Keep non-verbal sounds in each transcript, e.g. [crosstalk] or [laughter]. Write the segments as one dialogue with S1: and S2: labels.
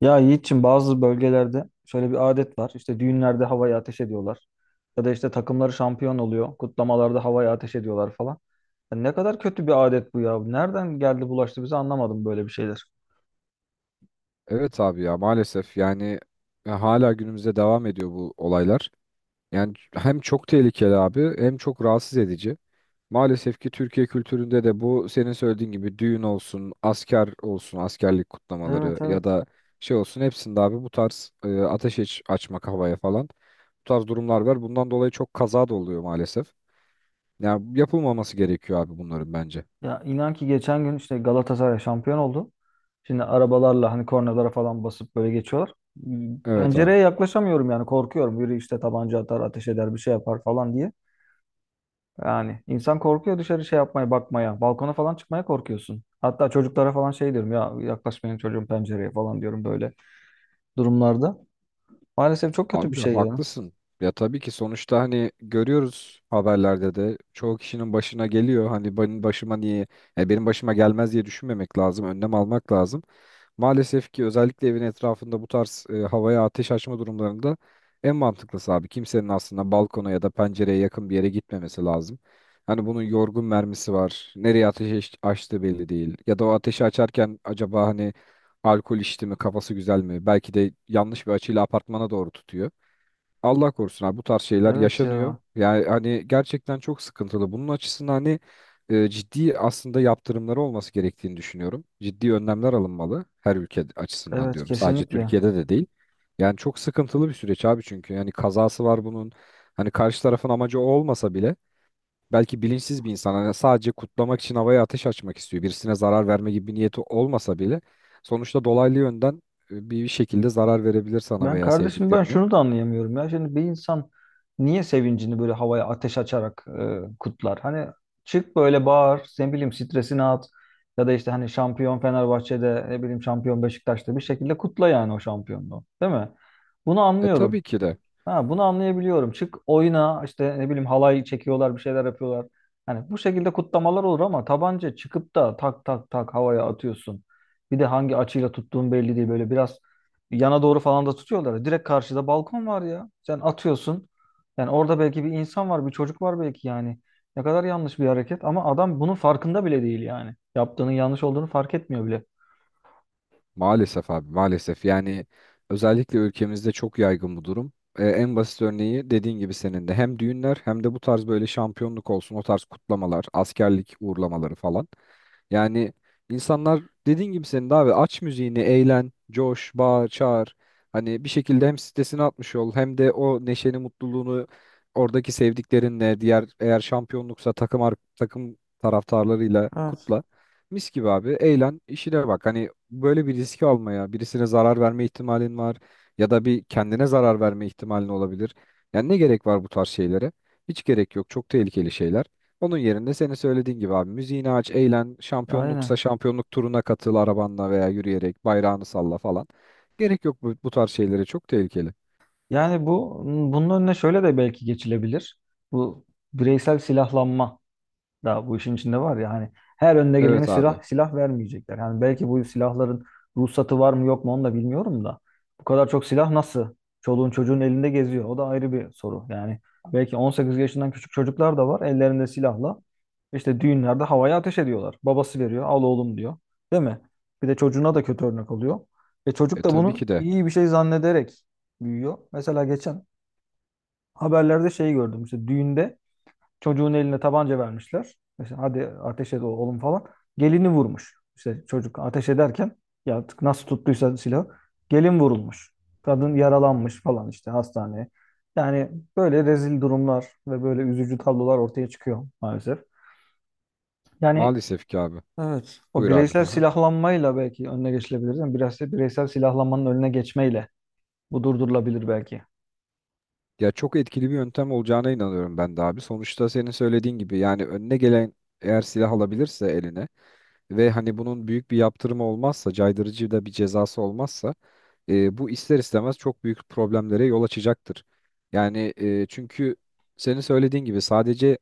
S1: Ya Yiğit'ciğim, bazı bölgelerde şöyle bir adet var. İşte düğünlerde havaya ateş ediyorlar. Ya da işte takımları şampiyon oluyor. Kutlamalarda havaya ateş ediyorlar falan. Ya ne kadar kötü bir adet bu ya. Nereden geldi bulaştı bize, anlamadım böyle bir şeyler.
S2: Evet abi, ya maalesef yani hala günümüzde devam ediyor bu olaylar. Yani hem çok tehlikeli abi, hem çok rahatsız edici. Maalesef ki Türkiye kültüründe de bu senin söylediğin gibi düğün olsun, asker olsun, askerlik
S1: Evet,
S2: kutlamaları
S1: evet.
S2: ya da şey olsun, hepsinde abi bu tarz ateş açmak havaya falan, bu tarz durumlar var. Bundan dolayı çok kaza da oluyor maalesef. Yani yapılmaması gerekiyor abi bunların bence.
S1: Ya inan ki geçen gün işte Galatasaray şampiyon oldu. Şimdi arabalarla hani kornalara falan basıp böyle geçiyorlar.
S2: Evet abi.
S1: Pencereye yaklaşamıyorum yani, korkuyorum. Biri işte tabanca atar, ateş eder, bir şey yapar falan diye. Yani insan korkuyor dışarı şey yapmaya, bakmaya. Balkona falan çıkmaya korkuyorsun. Hatta çocuklara falan şey diyorum ya, yaklaşmayın çocuğum pencereye falan diyorum böyle durumlarda. Maalesef çok kötü bir
S2: Abi
S1: şey ya.
S2: haklısın. Ya tabii ki, sonuçta hani görüyoruz haberlerde de çoğu kişinin başına geliyor. Hani benim başıma niye, yani benim başıma gelmez diye düşünmemek lazım. Önlem almak lazım. Maalesef ki özellikle evin etrafında bu tarz havaya ateş açma durumlarında en mantıklısı abi kimsenin aslında balkona ya da pencereye yakın bir yere gitmemesi lazım. Hani bunun yorgun mermisi var. Nereye ateş açtığı belli değil. Ya da o ateşi açarken acaba hani alkol içti mi, kafası güzel mi? Belki de yanlış bir açıyla apartmana doğru tutuyor. Allah korusun abi, bu tarz şeyler
S1: Evet
S2: yaşanıyor.
S1: ya.
S2: Yani hani gerçekten çok sıkıntılı. Bunun açısından hani ciddi aslında yaptırımları olması gerektiğini düşünüyorum. Ciddi önlemler alınmalı her ülke açısından
S1: Evet,
S2: diyorum. Sadece
S1: kesinlikle.
S2: Türkiye'de de değil. Yani çok sıkıntılı bir süreç abi, çünkü yani kazası var bunun. Hani karşı tarafın amacı o olmasa bile belki bilinçsiz bir insan hani sadece kutlamak için havaya ateş açmak istiyor. Birisine zarar verme gibi bir niyeti olmasa bile sonuçta dolaylı yönden bir şekilde zarar verebilir sana
S1: Ben
S2: veya
S1: kardeşim, ben
S2: sevdiklerine.
S1: şunu da anlayamıyorum ya. Şimdi bir insan niye sevincini böyle havaya ateş açarak kutlar? Hani çık böyle bağır, ne bileyim stresini at. Ya da işte hani şampiyon Fenerbahçe'de, ne bileyim şampiyon Beşiktaş'ta, bir şekilde kutla yani o şampiyonluğu. Değil mi? Bunu
S2: E
S1: anlıyorum.
S2: tabii ki de.
S1: Ha, bunu anlayabiliyorum. Çık oyuna işte, ne bileyim, halay çekiyorlar, bir şeyler yapıyorlar. Hani bu şekilde kutlamalar olur ama tabanca çıkıp da tak tak tak havaya atıyorsun. Bir de hangi açıyla tuttuğun belli değil. Böyle biraz yana doğru falan da tutuyorlar. Direkt karşıda balkon var ya. Sen atıyorsun. Yani orada belki bir insan var, bir çocuk var belki yani. Ne kadar yanlış bir hareket ama adam bunun farkında bile değil yani. Yaptığının yanlış olduğunu fark etmiyor bile.
S2: Maalesef abi, maalesef yani özellikle ülkemizde çok yaygın bu durum. En basit örneği dediğin gibi senin de, hem düğünler hem de bu tarz böyle şampiyonluk olsun, o tarz kutlamalar, askerlik uğurlamaları falan. Yani insanlar dediğin gibi senin de abi, aç müziğini, eğlen, coş, bağır, çağır. Hani bir şekilde hem stresini atmış ol, hem de o neşeni, mutluluğunu oradaki sevdiklerinle, diğer eğer şampiyonluksa takım takım taraftarlarıyla
S1: Evet.
S2: kutla. Mis gibi abi, eğlen, işine bak. Hani böyle bir riski almaya, birisine zarar verme ihtimalin var ya da bir kendine zarar verme ihtimalin olabilir. Yani ne gerek var bu tarz şeylere? Hiç gerek yok. Çok tehlikeli şeyler. Onun yerine senin söylediğin gibi abi müziğini aç, eğlen, şampiyonluksa
S1: Aynen.
S2: şampiyonluk turuna katıl arabanla veya yürüyerek bayrağını salla falan. Gerek yok bu, bu tarz şeylere, çok tehlikeli.
S1: Yani bu, bunun önüne şöyle de belki geçilebilir. Bu bireysel silahlanma. Daha bu işin içinde var ya hani, her önüne gelene
S2: Evet abi.
S1: silah vermeyecekler. Yani belki bu silahların ruhsatı var mı yok mu onu da bilmiyorum da. Bu kadar çok silah nasıl? Çoluğun çocuğun elinde geziyor. O da ayrı bir soru. Yani belki 18 yaşından küçük çocuklar da var ellerinde silahla. İşte düğünlerde havaya ateş ediyorlar. Babası veriyor, al oğlum diyor. Değil mi? Bir de çocuğuna da kötü örnek oluyor. Ve
S2: E
S1: çocuk da
S2: tabii
S1: bunu
S2: ki de.
S1: iyi bir şey zannederek büyüyor. Mesela geçen haberlerde şey gördüm. İşte düğünde çocuğun eline tabanca vermişler. İşte hadi ateş et oğlum falan. Gelini vurmuş. İşte çocuk ateş ederken, ya artık nasıl tuttuysa silahı, gelin vurulmuş. Kadın yaralanmış falan, işte hastaneye. Yani böyle rezil durumlar ve böyle üzücü tablolar ortaya çıkıyor maalesef. Yani.
S2: Maalesef ki abi.
S1: Evet. O
S2: Buyur abi. Hı
S1: bireysel
S2: hı.
S1: silahlanmayla belki önüne geçilebilir. Yani biraz da bireysel silahlanmanın önüne geçmeyle bu durdurulabilir belki.
S2: Ya çok etkili bir yöntem olacağına inanıyorum ben de abi. Sonuçta senin söylediğin gibi yani önüne gelen eğer silah alabilirse eline ve hani bunun büyük bir yaptırımı olmazsa, caydırıcı da bir cezası olmazsa bu ister istemez çok büyük problemlere yol açacaktır. Yani çünkü senin söylediğin gibi sadece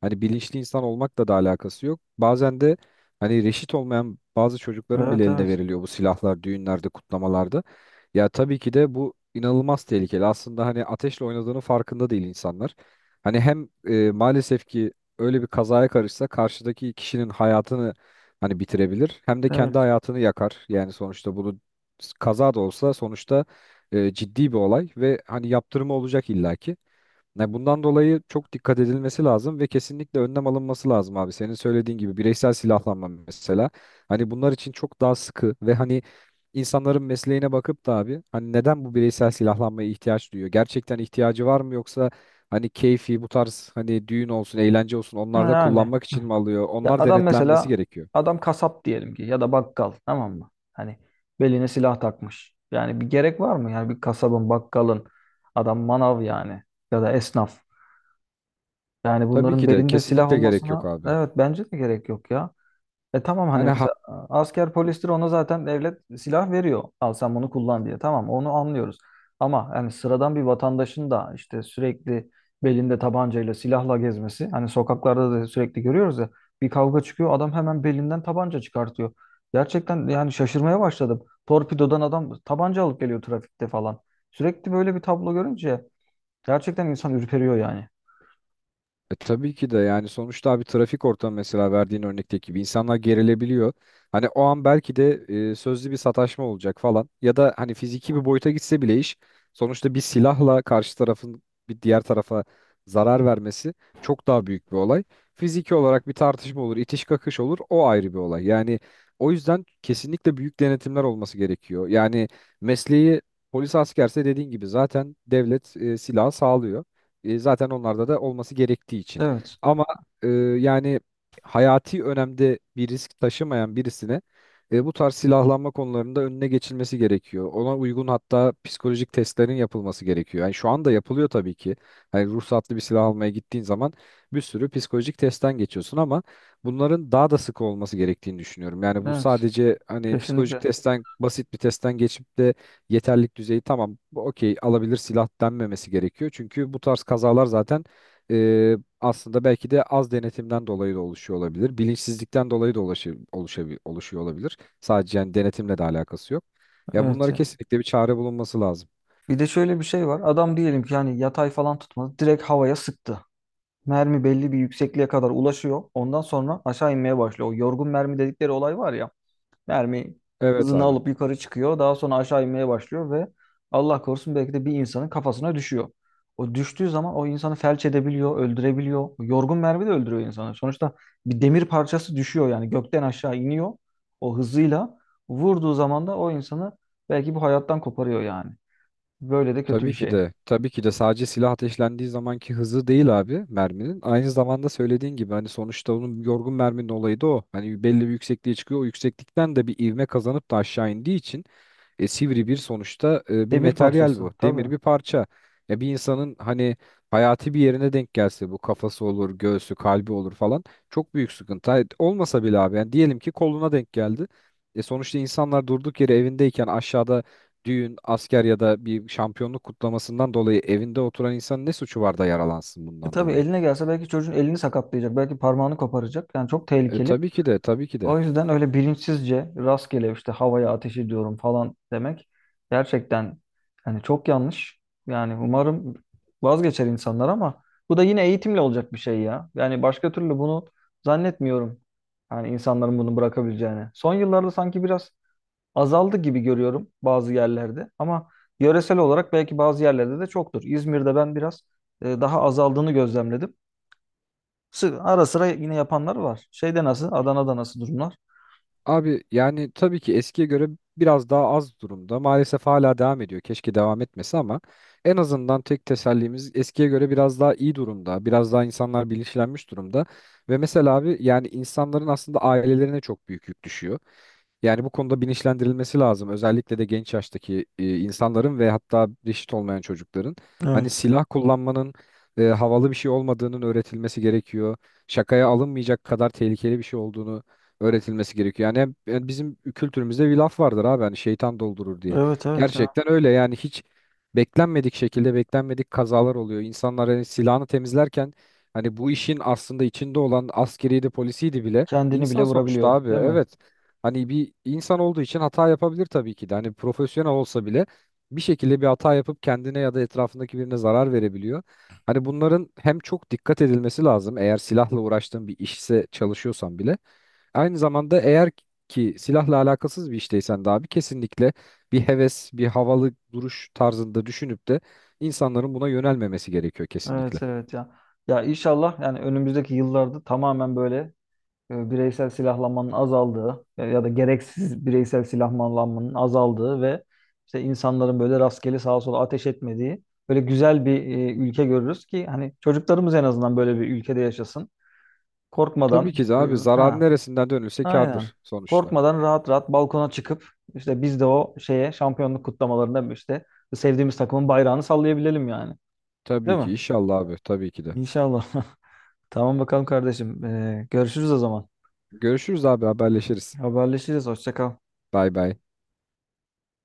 S2: hani bilinçli insan olmakla da alakası yok. Bazen de hani reşit olmayan bazı çocukların bile
S1: Evet,
S2: eline
S1: evet.
S2: veriliyor bu silahlar, düğünlerde, kutlamalarda. Ya tabii ki de bu inanılmaz tehlikeli. Aslında hani ateşle oynadığının farkında değil insanlar. Hani hem maalesef ki öyle bir kazaya karışsa karşıdaki kişinin hayatını hani bitirebilir, hem de kendi
S1: Evet.
S2: hayatını yakar. Yani sonuçta bunu kaza da olsa sonuçta ciddi bir olay ve hani yaptırımı olacak illaki. Yani bundan dolayı çok dikkat edilmesi lazım ve kesinlikle önlem alınması lazım abi. Senin söylediğin gibi bireysel silahlanma mesela. Hani bunlar için çok daha sıkı ve hani insanların mesleğine bakıp da abi, hani neden bu bireysel silahlanmaya ihtiyaç duyuyor? Gerçekten ihtiyacı var mı yoksa hani keyfi bu tarz hani düğün olsun, eğlence olsun onlarda
S1: Yani.
S2: kullanmak için mi alıyor?
S1: Ya
S2: Onlar
S1: adam
S2: denetlenmesi
S1: mesela,
S2: gerekiyor.
S1: adam kasap diyelim ki ya da bakkal, tamam mı? Hani beline silah takmış. Yani bir gerek var mı? Yani bir kasabın, bakkalın, adam manav yani, ya da esnaf. Yani
S2: Tabii
S1: bunların
S2: ki de
S1: belinde silah
S2: kesinlikle gerek yok
S1: olmasına,
S2: abi.
S1: evet, bence de gerek yok ya. E tamam hani
S2: Yani
S1: mesela asker polistir, ona zaten devlet silah veriyor. Al sen bunu kullan diye. Tamam, onu anlıyoruz. Ama yani sıradan bir vatandaşın da işte sürekli belinde tabancayla silahla gezmesi. Hani sokaklarda da sürekli görüyoruz ya, bir kavga çıkıyor adam hemen belinden tabanca çıkartıyor. Gerçekten yani şaşırmaya başladım. Torpidodan adam tabanca alıp geliyor trafikte falan. Sürekli böyle bir tablo görünce gerçekten insan ürperiyor yani.
S2: Tabii ki de yani sonuçta abi, trafik ortamı mesela verdiğin örnekteki gibi insanlar gerilebiliyor. Hani o an belki de sözlü bir sataşma olacak falan ya da hani fiziki bir boyuta gitse bile iş, sonuçta bir silahla karşı tarafın bir diğer tarafa zarar vermesi çok daha büyük bir olay. Fiziki olarak bir tartışma olur, itiş kakış olur, o ayrı bir olay. Yani o yüzden kesinlikle büyük denetimler olması gerekiyor. Yani mesleği polis askerse dediğin gibi zaten devlet silahı sağlıyor. E, zaten onlarda da olması gerektiği için.
S1: Evet.
S2: Ama e, yani hayati önemde bir risk taşımayan birisine bu tarz silahlanma konularında önüne geçilmesi gerekiyor. Ona uygun hatta psikolojik testlerin yapılması gerekiyor. Yani şu anda yapılıyor tabii ki. Hani ruhsatlı bir silah almaya gittiğin zaman bir sürü psikolojik testten geçiyorsun ama bunların daha da sık olması gerektiğini düşünüyorum. Yani bu
S1: Evet.
S2: sadece hani psikolojik
S1: Kesinlikle.
S2: testten, basit bir testten geçip de yeterlilik düzeyi tamam, bu okey alabilir silah denmemesi gerekiyor. Çünkü bu tarz kazalar zaten e, aslında belki de az denetimden dolayı da oluşuyor olabilir. Bilinçsizlikten dolayı da oluşuyor olabilir. Sadece yani denetimle de alakası yok. Ya
S1: Evet.
S2: bunlara kesinlikle bir çare bulunması lazım.
S1: Bir de şöyle bir şey var. Adam diyelim ki yani yatay falan tutmadı. Direkt havaya sıktı. Mermi belli bir yüksekliğe kadar ulaşıyor. Ondan sonra aşağı inmeye başlıyor. O yorgun mermi dedikleri olay var ya. Mermi
S2: Evet
S1: hızını
S2: abi.
S1: alıp yukarı çıkıyor. Daha sonra aşağı inmeye başlıyor ve Allah korusun belki de bir insanın kafasına düşüyor. O düştüğü zaman o insanı felç edebiliyor, öldürebiliyor. O yorgun mermi de öldürüyor insanı. Sonuçta bir demir parçası düşüyor yani, gökten aşağı iniyor o hızıyla. Vurduğu zaman da o insanı belki bu hayattan koparıyor yani. Böyle de kötü
S2: Tabii
S1: bir
S2: ki
S1: şey.
S2: de. Tabii ki de sadece silah ateşlendiği zamanki hızı değil abi merminin. Aynı zamanda söylediğin gibi hani sonuçta onun yorgun merminin olayı da o. Hani belli bir yüksekliğe çıkıyor. O yükseklikten de bir ivme kazanıp da aşağı indiği için sivri bir sonuçta bir
S1: Demir
S2: materyal
S1: parçası
S2: bu.
S1: tabii.
S2: Demir bir parça. Ya bir insanın hani hayati bir yerine denk gelse, bu kafası olur, göğsü, kalbi olur falan, çok büyük sıkıntı. Hayır, olmasa bile abi yani diyelim ki koluna denk geldi. E sonuçta insanlar durduk yere evindeyken aşağıda düğün, asker ya da bir şampiyonluk kutlamasından dolayı evinde oturan insanın ne suçu var da yaralansın
S1: E,
S2: bundan
S1: tabii
S2: dolayı?
S1: eline gelse belki çocuğun elini sakatlayacak. Belki parmağını koparacak. Yani çok
S2: E
S1: tehlikeli.
S2: tabii ki de, tabii ki de.
S1: O yüzden öyle bilinçsizce rastgele işte havaya ateş ediyorum falan demek gerçekten hani çok yanlış. Yani umarım vazgeçer insanlar ama bu da yine eğitimle olacak bir şey ya. Yani başka türlü bunu zannetmiyorum. Yani insanların bunu bırakabileceğini. Son yıllarda sanki biraz azaldı gibi görüyorum bazı yerlerde ama yöresel olarak belki bazı yerlerde de çoktur. İzmir'de ben biraz daha azaldığını gözlemledim. Ara sıra yine yapanlar var. Şeyde nasıl? Adana'da nasıl durumlar?
S2: Abi yani tabii ki eskiye göre biraz daha az durumda. Maalesef hala devam ediyor. Keşke devam etmese ama en azından tek tesellimiz eskiye göre biraz daha iyi durumda. Biraz daha insanlar bilinçlenmiş durumda. Ve mesela abi yani insanların aslında ailelerine çok büyük yük düşüyor. Yani bu konuda bilinçlendirilmesi lazım. Özellikle de genç yaştaki insanların ve hatta reşit olmayan çocukların. Hani
S1: Evet.
S2: silah kullanmanın havalı bir şey olmadığının öğretilmesi gerekiyor. Şakaya alınmayacak kadar tehlikeli bir şey olduğunu öğretilmesi gerekiyor. Yani yani bizim kültürümüzde bir laf vardır abi, hani şeytan doldurur diye.
S1: Evet, evet ya.
S2: Gerçekten öyle, yani hiç beklenmedik şekilde beklenmedik kazalar oluyor. İnsanlar hani silahını temizlerken hani bu işin aslında içinde olan askeriydi, polisiydi bile
S1: Kendini bile
S2: insan sonuçta
S1: vurabiliyor,
S2: abi,
S1: değil mi?
S2: evet. Hani bir insan olduğu için hata yapabilir tabii ki de. Hani profesyonel olsa bile bir şekilde bir hata yapıp kendine ya da etrafındaki birine zarar verebiliyor. Hani bunların hem çok dikkat edilmesi lazım eğer silahla uğraştığın bir işse, çalışıyorsan bile. Aynı zamanda eğer ki silahla alakasız bir işteysen de abi, kesinlikle bir heves, bir havalı duruş tarzında düşünüp de insanların buna yönelmemesi gerekiyor
S1: Evet,
S2: kesinlikle.
S1: evet ya. Ya inşallah yani önümüzdeki yıllarda tamamen böyle bireysel silahlanmanın azaldığı, ya da gereksiz bireysel silahlanmanın azaldığı ve işte insanların böyle rastgele sağa sola ateş etmediği böyle güzel bir ülke görürüz ki hani çocuklarımız en azından böyle bir ülkede yaşasın. Korkmadan.
S2: Tabii ki de
S1: e,
S2: abi, zarar
S1: ha
S2: neresinden dönülse
S1: aynen.
S2: kârdır sonuçta.
S1: Korkmadan rahat rahat balkona çıkıp işte biz de o şeye, şampiyonluk kutlamalarında işte sevdiğimiz takımın bayrağını sallayabilelim yani.
S2: Tabii
S1: Değil
S2: ki
S1: mi?
S2: inşallah abi, tabii ki de.
S1: İnşallah. [laughs] Tamam bakalım kardeşim. Görüşürüz o zaman.
S2: Görüşürüz abi, haberleşiriz.
S1: Haberleşiriz. Hoşça kal.
S2: Bay bay.